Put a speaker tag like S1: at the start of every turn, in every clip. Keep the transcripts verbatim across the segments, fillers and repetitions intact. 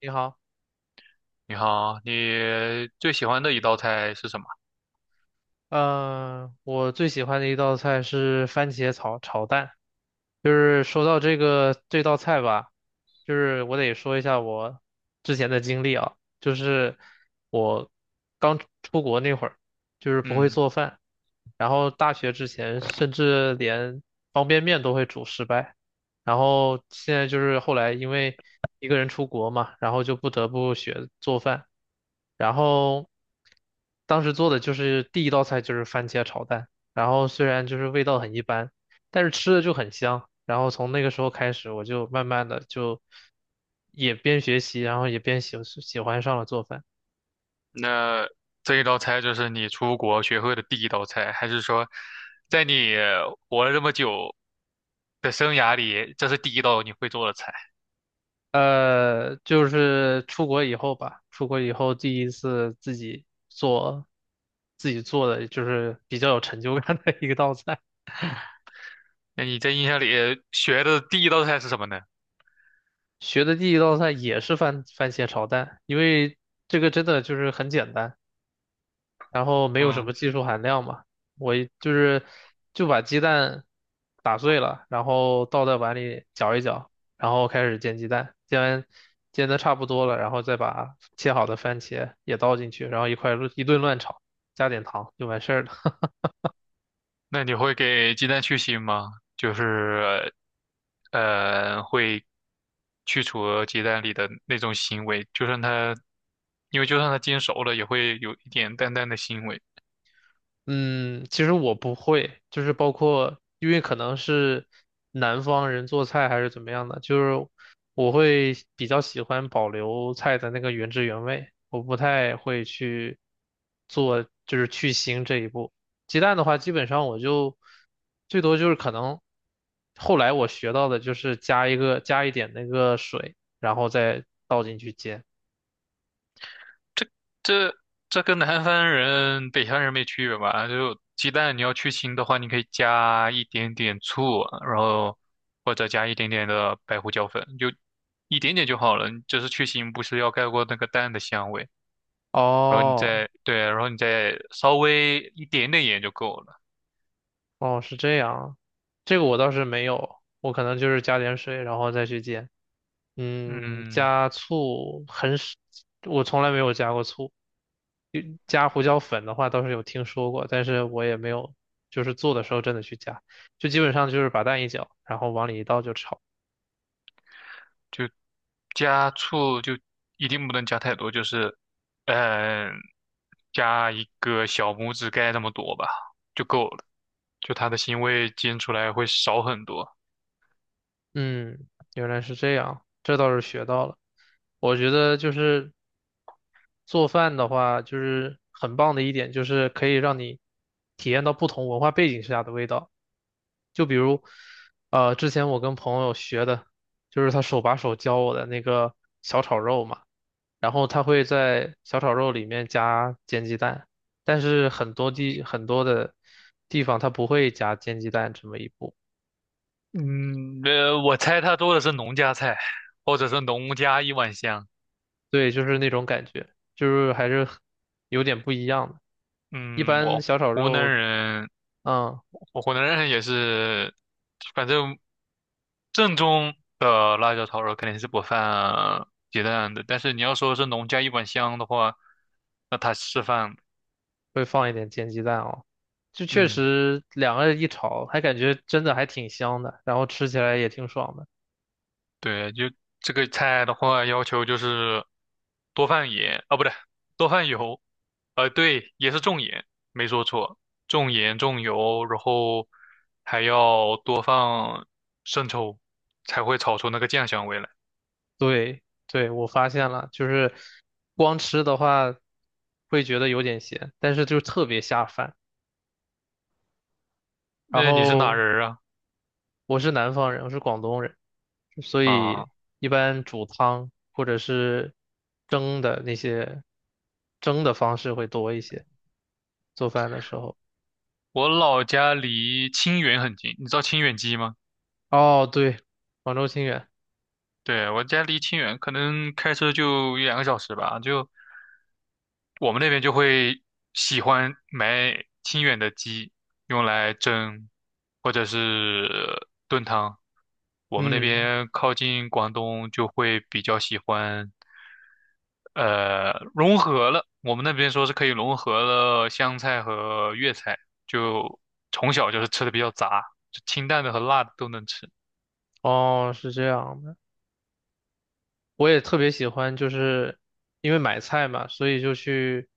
S1: 你好。
S2: 你好，你最喜欢的一道菜是什么？
S1: 嗯、我最喜欢的一道菜是番茄炒炒蛋。就是说到这个这道菜吧，就是我得说一下我之前的经历啊。就是我刚出国那会儿，就是不会
S2: 嗯，
S1: 做饭。然后大学之前甚至连方便面都会煮失败。然后现在就是后来因为一个人出国嘛，然后就不得不学做饭。然后当时做的就是第一道菜就是番茄炒蛋，然后虽然就是味道很一般，但是吃的就很香。然后从那个时候开始，我就慢慢的就也边学习，然后也边喜喜欢上了做饭。
S2: 那这一道菜就是你出国学会的第一道菜，还是说，在你活了这么久的生涯里，这是第一道你会做的菜？
S1: 呃，就是出国以后吧，出国以后第一次自己做，自己做的就是比较有成就感的一个道菜。
S2: 那你在印象里学的第一道菜是什么呢？
S1: 学的第一道菜也是番番茄炒蛋，因为这个真的就是很简单。然后没有什
S2: 嗯，
S1: 么技术含量嘛。我一就是就把鸡蛋打碎了，然后倒在碗里搅一搅，然后开始煎鸡蛋，煎完煎的差不多了，然后再把切好的番茄也倒进去，然后一块儿一顿乱炒，加点糖就完事儿了。
S2: 那你会给鸡蛋去腥吗？就是，呃，会去除鸡蛋里的那种腥味，就算它，因为就算它煎熟了，也会有一点淡淡的腥味。
S1: 嗯，其实我不会，就是包括，因为可能是南方人做菜还是怎么样的，就是我会比较喜欢保留菜的那个原汁原味，我不太会去做，就是去腥这一步。鸡蛋的话，基本上我就最多就是可能后来我学到的就是加一个加一点那个水，然后再倒进去煎。
S2: 这这这跟南方人、北方人没区别吧？就鸡蛋你要去腥的话，你可以加一点点醋，然后或者加一点点的白胡椒粉，就一点点就好了。就是去腥，不是要盖过那个蛋的香味，然后你
S1: 哦。
S2: 再对，然后你再稍微一点点盐就够了。
S1: 哦，是这样。这个我倒是没有，我可能就是加点水，然后再去煎。嗯，
S2: 嗯。
S1: 加醋很少，我从来没有加过醋。加胡椒粉的话倒是有听说过，但是我也没有，就是做的时候真的去加，就基本上就是把蛋一搅，然后往里一倒就炒。
S2: 就加醋就一定不能加太多，就是，嗯、加一个小拇指盖那么多吧，就够了。就它的腥味煎出来会少很多。
S1: 嗯，原来是这样，这倒是学到了。我觉得就是做饭的话，就是很棒的一点，就是可以让你体验到不同文化背景下的味道。就比如，呃，之前我跟朋友学的，就是他手把手教我的那个小炒肉嘛，然后他会在小炒肉里面加煎鸡蛋，但是很多地很多的地方他不会加煎鸡蛋这么一步。
S2: 嗯，呃，我猜它做的是农家菜，或者是农家一碗香。
S1: 对，就是那种感觉，就是还是很有点不一样的。一
S2: 嗯，
S1: 般
S2: 我
S1: 小炒
S2: 湖南
S1: 肉，
S2: 人，
S1: 嗯。
S2: 我湖南人也是，反正正宗的辣椒炒肉肯定是不放鸡蛋的，但是你要说是农家一碗香的话，那它是放的，
S1: 会放一点煎鸡蛋哦。就确
S2: 嗯，
S1: 实两个人一炒，还感觉真的还挺香的，然后吃起来也挺爽的。
S2: 对，就这个菜的话，要求就是多放盐，啊，不对，多放油，呃，对，也是重盐，没说错，重盐重油，然后还要多放生抽，才会炒出那个酱香味来。
S1: 对，对，我发现了，就是光吃的话会觉得有点咸，但是就特别下饭。然
S2: 那你是哪
S1: 后
S2: 人儿啊？
S1: 我是南方人，我是广东人，所
S2: 啊，
S1: 以一般煮汤或者是蒸的那些蒸的方式会多一些，做饭的时候。
S2: 我老家离清远很近，你知道清远鸡吗？
S1: 哦，对，广州清远。
S2: 对，我家离清远，可能开车就一两个小时吧。就我们那边就会喜欢买清远的鸡，用来蒸或者是炖汤。我们那
S1: 嗯，
S2: 边靠近广东，就会比较喜欢，呃，融合了。我们那边说是可以融合了湘菜和粤菜，就从小就是吃的比较杂，就清淡的和辣的都能吃。
S1: 哦，是这样的。我也特别喜欢，就是因为买菜嘛，所以就去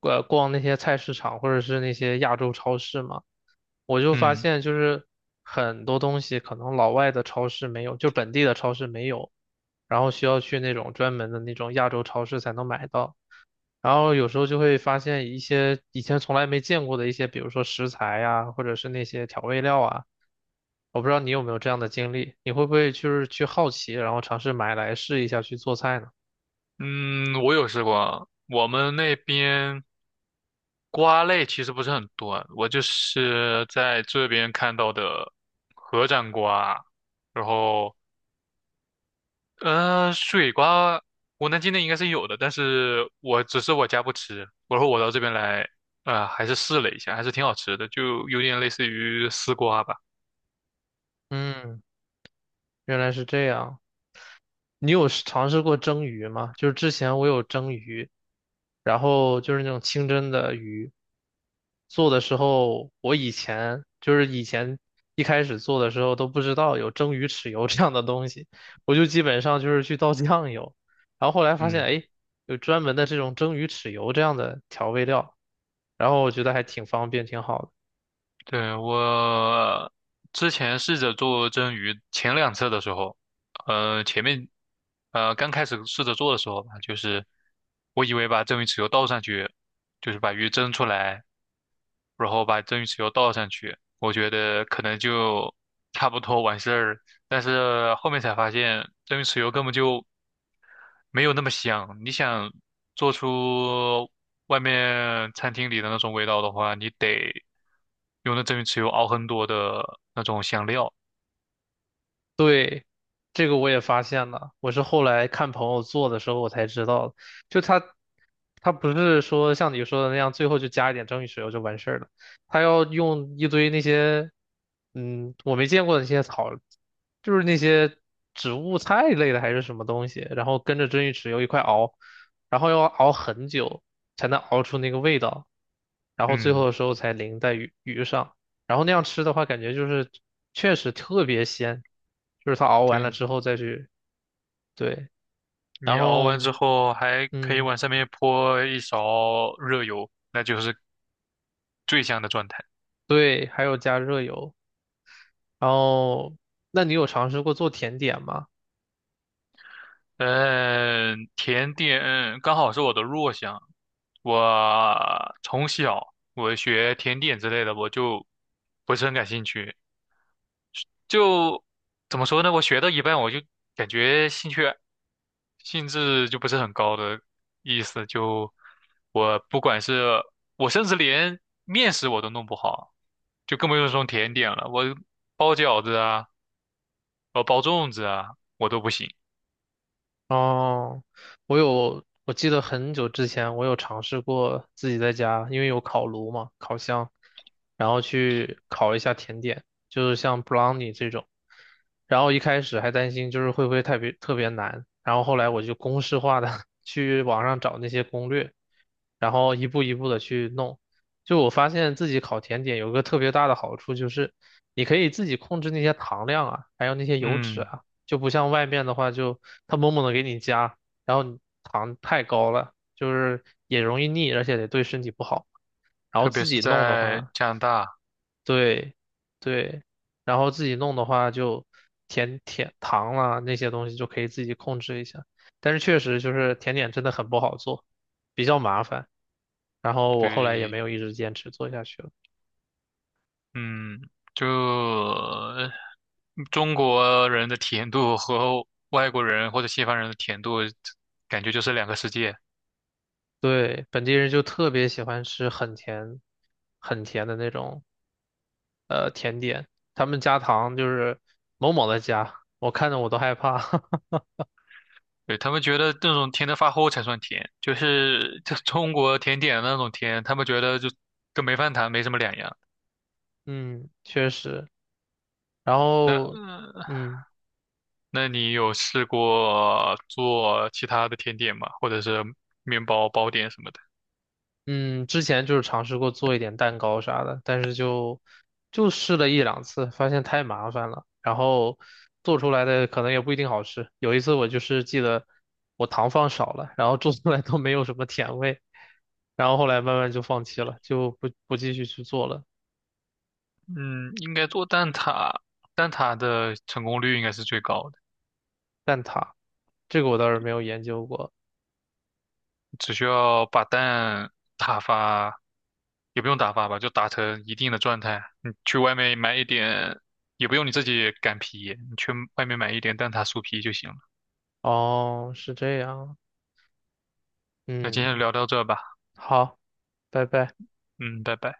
S1: 呃逛那些菜市场或者是那些亚洲超市嘛。我就发
S2: 嗯
S1: 现，就是很多东西可能老外的超市没有，就本地的超市没有，然后需要去那种专门的那种亚洲超市才能买到。然后有时候就会发现一些以前从来没见过的一些，比如说食材呀，或者是那些调味料啊。我不知道你有没有这样的经历，你会不会就是去好奇，然后尝试买来试一下去做菜呢？
S2: 嗯，我有试过，我们那边。瓜类其实不是很多，我就是在这边看到的合掌瓜，然后呃水瓜，我能境内应该是有的，但是我只是我家不吃，然后我到这边来，呃还是试了一下，还是挺好吃的，就有点类似于丝瓜吧，
S1: 嗯，原来是这样。你有试尝试过蒸鱼吗？就是之前我有蒸鱼，然后就是那种清蒸的鱼，做的时候，我以前就是以前一开始做的时候都不知道有蒸鱼豉油这样的东西，我就基本上就是去倒酱油，然后后来发现，
S2: 嗯。
S1: 哎，有专门的这种蒸鱼豉油这样的调味料，然后我觉得还挺方便，挺好的。
S2: 对，我之前试着做蒸鱼，前两次的时候，呃，前面呃刚开始试着做的时候吧，就是我以为把蒸鱼豉油倒上去，就是把鱼蒸出来，然后把蒸鱼豉油倒上去，我觉得可能就差不多完事儿了。但是后面才发现，蒸鱼豉油根本就没有那么香。你想做出外面餐厅里的那种味道的话，你得用那蒸鱼豉油熬很多的那种香料。
S1: 对，这个我也发现了，我是后来看朋友做的时候我才知道的。就他，他不是说像你说的那样，最后就加一点蒸鱼豉油就完事儿了，他要用一堆那些，嗯，我没见过的那些草，就是那些植物菜类的还是什么东西，然后跟着蒸鱼豉油一块熬，然后要熬很久才能熬出那个味道，然后最后
S2: 嗯，
S1: 的时候才淋在鱼鱼上。然后那样吃的话，感觉就是确实特别鲜，就是它熬完了
S2: 对，
S1: 之后再去。对，
S2: 你
S1: 然
S2: 熬
S1: 后
S2: 完之后还可以
S1: 嗯，
S2: 往上面泼一勺热油，那就是最香的状态。
S1: 对，还有加热油。然后，那你有尝试过做甜点吗？
S2: 嗯，甜点刚好是我的弱项。我从小我学甜点之类的，我就不是很感兴趣。就怎么说呢？我学到一半，我就感觉兴趣兴致就不是很高的意思。就我不管是我，甚至连面食我都弄不好，就更不用说甜点了。我包饺子啊，我包粽子啊，我都不行。
S1: 哦，我有，我记得很久之前我有尝试过自己在家，因为有烤炉嘛，烤箱，然后去烤一下甜点，就是像 brownie 这种。然后一开始还担心就是会不会特别特别难，然后后来我就公式化的 去网上找那些攻略，然后一步一步的去弄。就我发现自己烤甜点有个特别大的好处就是，你可以自己控制那些糖量啊，还有那些油脂
S2: 嗯，
S1: 啊。就不像外面的话就，他猛猛的给你加，然后你糖太高了，就是也容易腻，而且也对身体不好。然后
S2: 特别
S1: 自
S2: 是
S1: 己弄的
S2: 在
S1: 话，
S2: 加拿大，
S1: 对对，然后自己弄的话就甜甜糖啦那些东西就可以自己控制一下，但是确实就是甜点真的很不好做，比较麻烦。然后我后来也没
S2: 对，
S1: 有一直坚持做下去了。
S2: 嗯，就中国人的甜度和外国人或者西方人的甜度，感觉就是两个世界。
S1: 对，本地人就特别喜欢吃很甜、很甜的那种呃甜点，他们加糖就是某某的加，我看着我都害怕。
S2: 对，他们觉得那种甜的发齁才算甜，就是就中国甜点的那种甜，他们觉得就跟没饭谈没什么两样。
S1: 嗯，确实。然
S2: 那
S1: 后，嗯
S2: 那你有试过做其他的甜点吗？或者是面包包点什么的？
S1: 嗯，之前就是尝试过做一点蛋糕啥的，但是就就试了一两次，发现太麻烦了，然后做出来的可能也不一定好吃。有一次我就是记得我糖放少了，然后做出来都没有什么甜味，然后后来慢慢就放弃了，就不不继续去做了。
S2: 嗯，应该做蛋挞，蛋挞的成功率应该是最高的，
S1: 蛋挞这个我倒是没有研究过。
S2: 只需要把蛋打发，也不用打发吧，就打成一定的状态。你去外面买一点，也不用你自己擀皮，你去外面买一点蛋挞酥皮就行了。
S1: 哦，是这样，
S2: 那今天就
S1: 嗯，
S2: 聊到这吧，
S1: 好，拜拜。
S2: 嗯，拜拜。